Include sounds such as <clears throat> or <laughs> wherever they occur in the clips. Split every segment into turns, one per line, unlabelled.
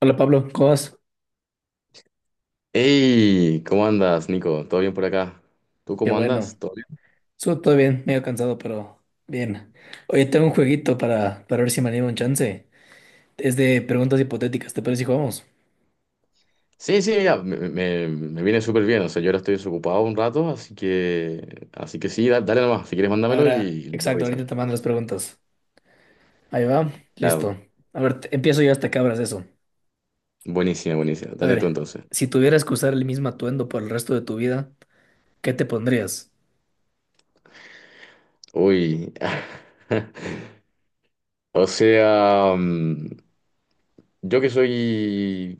Hola Pablo, ¿cómo vas?
Hey, ¿cómo andas, Nico? ¿Todo bien por acá? ¿Tú
Qué
cómo
bueno.
andas? ¿Todo bien?
Estuvo todo bien, medio cansado, pero bien. Oye, tengo un jueguito para ver si me animo un chance. Es de preguntas hipotéticas, ¿te parece si jugamos?
Sí, sí, mira, me viene súper bien. O sea, yo ahora estoy desocupado un rato, así que sí, dale nomás. Si quieres, mándamelo
Ahora,
y lo puedo
exacto, ahorita
revisar.
te mando las preguntas. Ahí va, listo.
Claro,
A ver, empiezo yo hasta que abras eso.
buenísima, buenísima.
A
Dale tú
ver,
entonces.
si tuvieras que usar el mismo atuendo por el resto de tu vida, ¿qué te pondrías?
Uy. <laughs> O sea, yo que soy.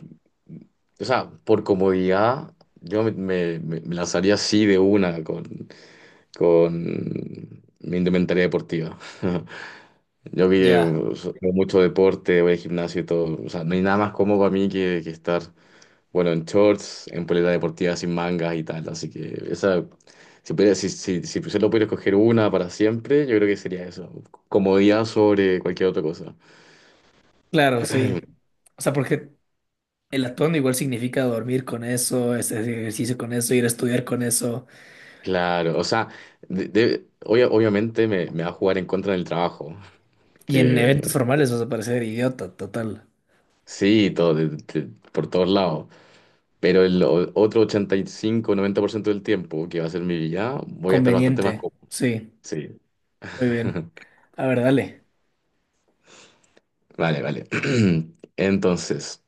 O sea, por comodidad, yo me lanzaría así de una con, mi indumentaria deportiva. <laughs> Yo que
Ya.
veo mucho deporte, voy al gimnasio y todo. O sea, no hay nada más cómodo para mí que estar, bueno, en shorts, en polera deportiva sin mangas y tal. Así que esa, si solo pudiera escoger una para siempre, yo creo que sería eso. Comodidad sobre cualquier otra cosa.
Claro, sí. O sea, porque el atuendo igual significa dormir con eso, hacer ejercicio con eso, ir a estudiar con eso.
Claro, o sea, obviamente me va a jugar en contra del trabajo,
Y en eventos
que
formales vas a parecer idiota, total.
sí, todo, por todos lados, pero el otro 85-90% del tiempo que va a ser mi vida, voy a estar bastante más
Conveniente,
cómodo.
sí,
Sí.
muy bien.
<laughs>
A ver, dale.
Vale, vale. <clears throat> Entonces,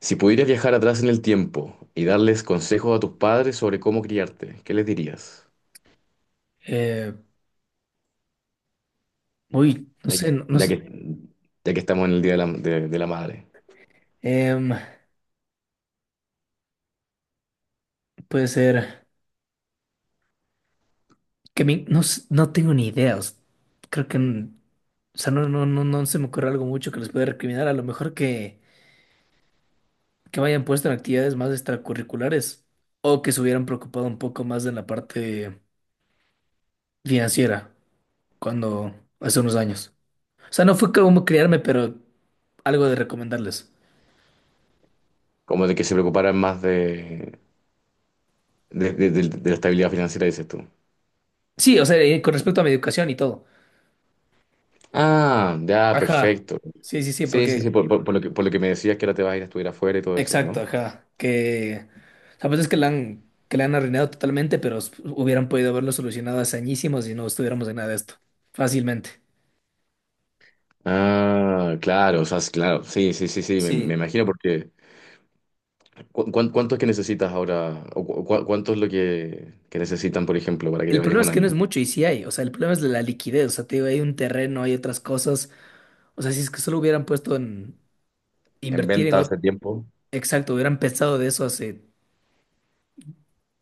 si pudieras viajar atrás en el tiempo y darles consejos a tus padres sobre cómo criarte, ¿qué les dirías?
Eh, uy, no
Ya que,
sé, no, no
ya
sé.
que, ya que estamos en el Día de la, de la Madre.
Em, puede ser que no, no tengo ni idea. Creo que, o sea, no, no, no, no se me ocurre algo mucho que les pueda recriminar. A lo mejor que me hayan puesto en actividades más extracurriculares o que se hubieran preocupado un poco más de la parte financiera cuando hace unos años. O sea, no fue como criarme, pero algo de recomendarles.
Como de que se preocuparan más de la estabilidad financiera, dices tú.
Sí, o sea, con respecto a mi educación y todo.
Ah, ya,
Ajá.
perfecto.
Sí, sí, sí,
Sí, sí,
porque.
sí, por lo que me decías que ahora te vas a ir a estudiar afuera y todo eso,
Exacto,
¿no?
ajá. Que. O sea, pues es que la han arruinado totalmente, pero hubieran podido haberlo solucionado hace añísimos y no estuviéramos en nada de esto. Fácilmente.
Ah, claro, o sea, claro, sí, sí, sí, sí, me
Sí.
imagino porque... ¿Cuánto es que necesitas ahora? ¿O cuánto es lo que necesitan, por ejemplo, para que te
El
vayas
problema
un
es que no es
año?
mucho y sí hay. O sea, el problema es la liquidez. O sea, te digo, hay un terreno, hay otras cosas. O sea, si es que solo hubieran puesto en
En
invertir en
venta hace
otro.
tiempo.
Exacto, hubieran pensado de eso hace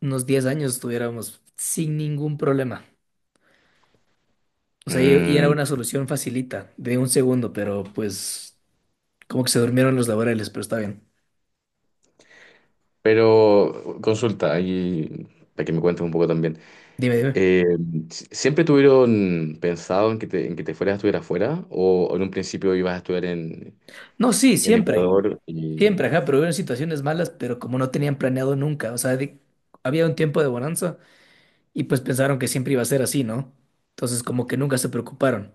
unos 10 años, estuviéramos sin ningún problema. O sea, y era
Mm,
una solución facilita, de un segundo, pero pues como que se durmieron los laborales, pero está bien.
pero consulta, ahí para que me cuentes un poco también.
Dime, dime.
Eh, ¿Siempre tuvieron pensado en que te fueras a estudiar afuera? ¿O en un principio ibas a estudiar
No, sí,
en
siempre,
Ecuador? Y...
siempre, ajá, pero hubieron situaciones malas, pero como no tenían planeado nunca, o sea, había un tiempo de bonanza y pues pensaron que siempre iba a ser así, ¿no? Entonces como que nunca se preocuparon,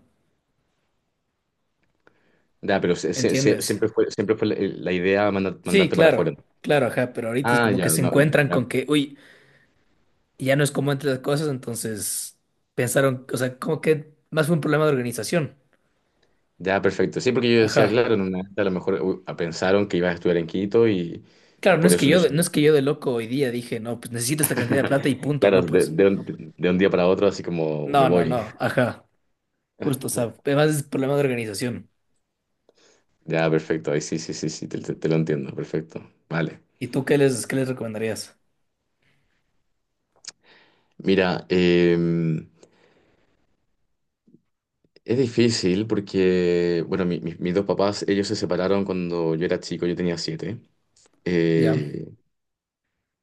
Ya, pero se- se- se-
¿entiendes?
siempre fue, siempre fue la idea mandar-
Sí,
mandarte para
claro,
afuera.
claro, ajá, pero ahorita es
Ah,
como que
ya,
se
no,
encuentran
ya,
con que, uy, ya no es como antes las cosas, entonces pensaron, o sea, como que más fue un problema de organización,
ya, perfecto. Sí, porque yo decía,
ajá.
claro, en una de estas a lo mejor uy, pensaron que ibas a estudiar en Quito
Claro,
y
no
por
es que
eso no
yo,
hice
no es que
nada.
yo de loco hoy día dije, no, pues necesito esta cantidad de plata y
<laughs>
punto,
Claro,
no,
de,
pues,
de un, de un día para otro, así como me
no, no,
voy.
no, ajá, justo, o sea, además es problema de organización.
Ya, perfecto. Ahí sí, sí, sí, sí, te lo entiendo. Perfecto. Vale.
¿Y tú qué les recomendarías?
Mira, es difícil porque, bueno, mis dos papás, ellos se separaron cuando yo era chico, yo tenía 7.
Ya,
Eh,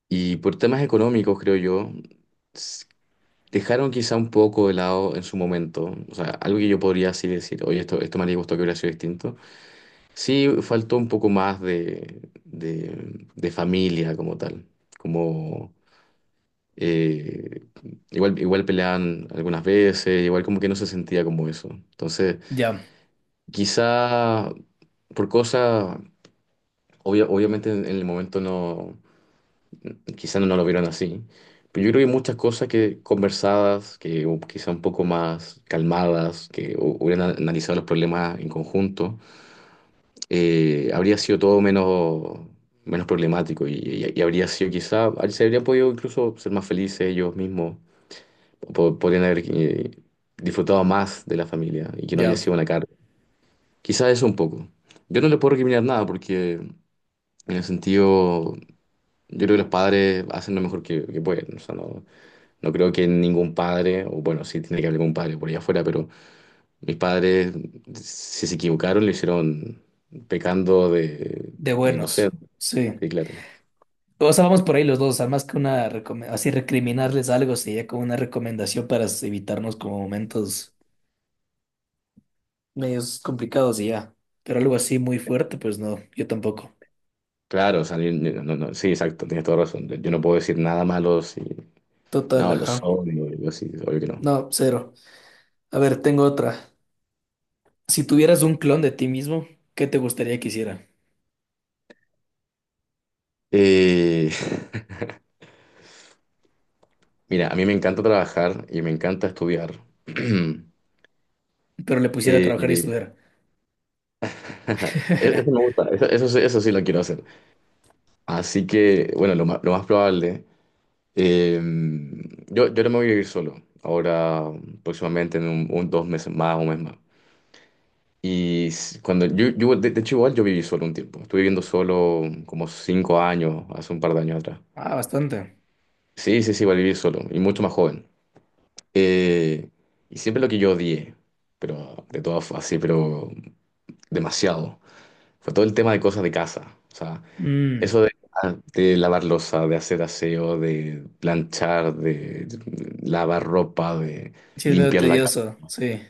y por temas económicos, creo yo, dejaron quizá un poco de lado en su momento. O sea, algo que yo podría así decir, oye, esto me haría gusto que hubiera sido distinto. Sí, faltó un poco más de familia como tal, como eh, igual peleaban algunas veces, igual como que no se sentía como eso. Entonces,
ya,
quizá por cosas, obviamente en el momento no, quizás no lo vieron así, pero yo creo que muchas cosas que conversadas, que quizá un poco más calmadas, que hubieran analizado los problemas en conjunto, habría sido todo menos problemático, y habría sido quizá, se habría podido incluso ser más felices ellos mismos, podrían haber disfrutado más de la familia y que no haya
ya,
sido una carga. Quizás eso un poco. Yo no le puedo recriminar nada porque en el sentido, yo creo que los padres hacen lo mejor que pueden, o sea, no. No creo que ningún padre, o bueno, sí tiene que haber algún padre por allá afuera, pero mis padres, si se equivocaron, lo hicieron pecando de,
de
de
buenos,
inocente.
sí.
Sí, claro.
O sea, vamos por ahí los dos, o sea, más que una, así recriminarles algo, sería como una recomendación para evitarnos como momentos medios complicados y ya. Pero algo así muy fuerte, pues no, yo tampoco.
Claro, o sea, no, no, sí, exacto, tienes toda razón. Yo no puedo decir nada malo si.
Total,
No, los
ajá.
odio, yo sí, obvio que no.
No, cero. A ver, tengo otra. Si tuvieras un clon de ti mismo, ¿qué te gustaría que hiciera?
Eh, <laughs> Mira, a mí me encanta trabajar y me encanta estudiar. <clears throat>
Pero le pusiera a trabajar y
Eh,
estudiar.
<laughs>
<laughs>
eso sí lo quiero hacer. Así que, bueno, lo más probable. Eh, yo no me voy a vivir solo ahora, próximamente en 2 meses más, un mes más. Cuando yo de hecho igual yo viví solo un tiempo, estuve viviendo solo como 5 años, hace un par de años atrás.
Ah, bastante.
Sí, sí, sí, igual viví solo y mucho más joven. Eh, y siempre lo que yo odié, pero de todas así, pero demasiado, fue todo el tema de cosas de casa. O sea,
Mm,
eso de lavar losa, de hacer aseo, de planchar, de lavar ropa, de
sí, es medio
limpiar la casa,
tedioso, sí.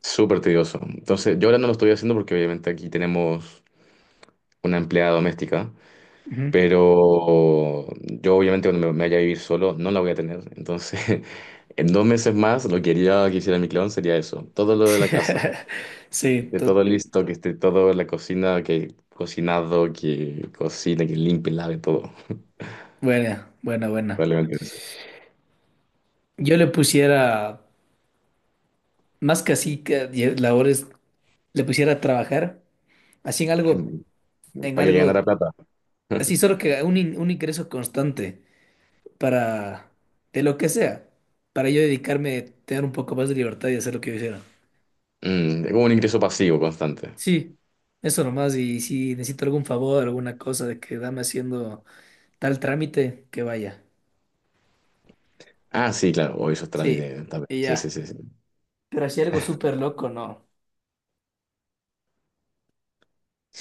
súper tedioso. Entonces, yo ahora no lo estoy haciendo porque obviamente aquí tenemos una empleada doméstica,
Ujú.
pero yo obviamente cuando me vaya a vivir solo no la voy a tener. Entonces, <laughs> en 2 meses más lo que haría que hiciera mi clon sería eso, todo lo de la casa,
<laughs> Sí,
de todo listo, que esté todo en la cocina, que cocinado, que cocine, que limpie, lave todo.
buena, buena, buena.
Probablemente eso.
Yo le pusiera, más que así, que labores, le pusiera a trabajar, así en
Para que ganara
algo,
plata.
así
<laughs>
solo que un, un ingreso constante para, de lo que sea, para yo dedicarme, tener un poco más de libertad y hacer lo que yo hiciera.
Es como un ingreso pasivo constante.
Sí, eso nomás. Y si necesito algún favor, alguna cosa de que dame haciendo tal trámite, que vaya.
Ah, sí, claro, o esos
Sí,
trámites también.
y
Sí, sí,
ya.
sí, sí.
Pero así algo súper loco, no.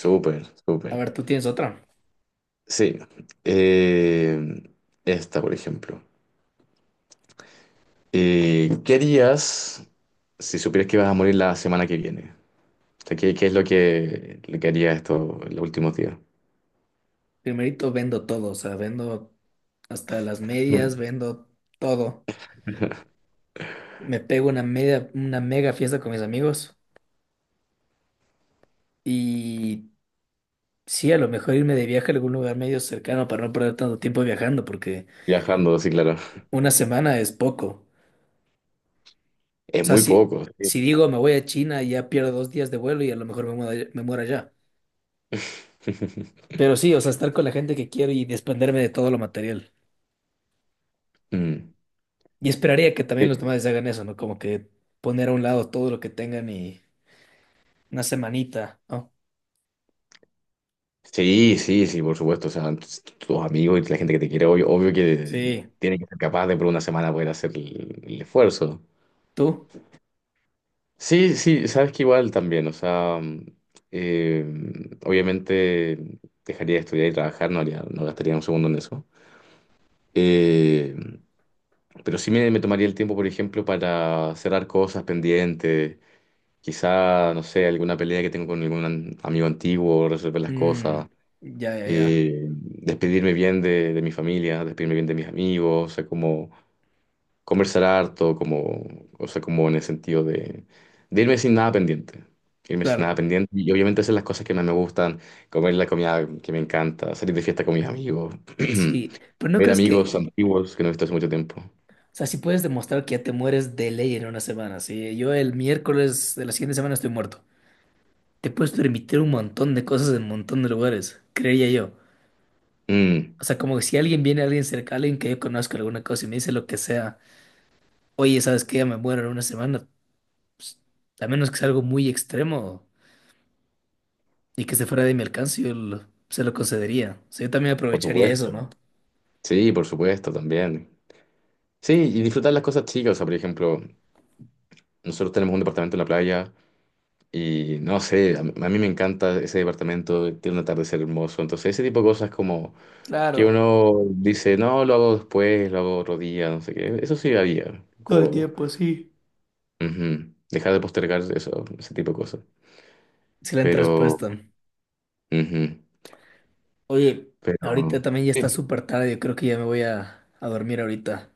Súper, súper.
A ver, tú tienes otra.
Sí. Eh, Esta, por ejemplo. ¿Qué harías si supieras que vas a morir la semana que viene? O sea, ¿qué es lo que harías esto en los últimos días?
Primerito vendo todo, o sea, vendo hasta las medias,
Claro.
vendo todo. Me pego una media, una mega fiesta con mis amigos. Y sí, a lo mejor irme de viaje a algún lugar medio cercano para no perder tanto tiempo viajando, porque
Viajando, sí, claro.
1 semana es poco. O
Es
sea,
muy
si,
poco. Sí.
si digo me voy a China, ya pierdo 2 días de vuelo y a lo mejor me muero allá. Pero
<laughs>
sí, o sea, estar con la gente que quiero y desprenderme de todo lo material.
Mm.
Y esperaría que
Sí.
también los demás hagan eso, ¿no? Como que poner a un lado todo lo que tengan y una semanita, ¿no?
Sí, sí, sí, por supuesto. O sea, tus amigos y la gente que te quiere, obvio, obvio que
Sí.
tiene que ser capaz de por una semana poder hacer el esfuerzo.
¿Tú?
Sí, sí, sabes que igual también, o sea, eh, obviamente dejaría de estudiar y trabajar, no gastaría un segundo en eso. Eh, pero sí me tomaría el tiempo, por ejemplo, para cerrar cosas pendientes, quizá, no sé, alguna pelea que tengo con algún amigo antiguo, resolver las cosas.
Mm, ya, ya, ya.
Despedirme bien de mi familia, despedirme bien de mis amigos, o sea, como conversar harto, como, o sea, como en el sentido de irme sin nada pendiente. Irme sin nada
Claro.
pendiente y obviamente hacer las cosas que más me gustan, comer la comida que me encanta, salir de fiesta con mis amigos,
Sí, pero
<clears throat>
¿no
ver
crees
amigos
que,
antiguos que no he visto hace mucho tiempo.
o sea, si puedes demostrar que ya te mueres de ley en 1 semana, sí? Yo el miércoles de la siguiente semana estoy muerto. Te puedes permitir un montón de cosas en un montón de lugares, creería yo.
Mm,
O sea, como que si alguien viene, alguien cerca, alguien que yo conozco, alguna cosa, y me dice lo que sea, oye, ¿sabes qué? Ya me muero en 1 semana. Pues, a menos que sea algo muy extremo y que se fuera de mi alcance, se lo concedería. O sea, yo también
por
aprovecharía eso, ¿no?
supuesto. Sí, por supuesto, también. Sí, y disfrutar las cosas chicas, o sea, por ejemplo, nosotros tenemos un departamento en la playa. Y no sé, a mí me encanta ese departamento, tiene un atardecer hermoso. Entonces, ese tipo de cosas como que
Claro,
uno dice, no, lo hago después, lo hago otro día, no sé qué. Eso sí había,
todo el
como
tiempo, sí.
ujú, dejar de postergar eso, ese tipo de cosas.
Excelente
Pero,
respuesta.
ujú,
Oye,
pero
ahorita también ya está
sí.
súper tarde, yo creo que ya me voy a dormir ahorita.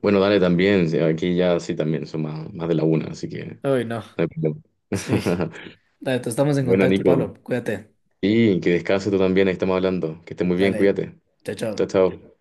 Bueno, dale también, sí, aquí ya sí también son más de la una, así que no
Ay, no.
hay problema.
Sí.
<laughs>
Dale, te estamos en
Bueno,
contacto, Pablo.
Nico,
Cuídate.
y que descanse tú también, ahí estamos hablando. Que estés muy bien,
Dale.
cuídate.
Chao,
Chao,
chao.
chao.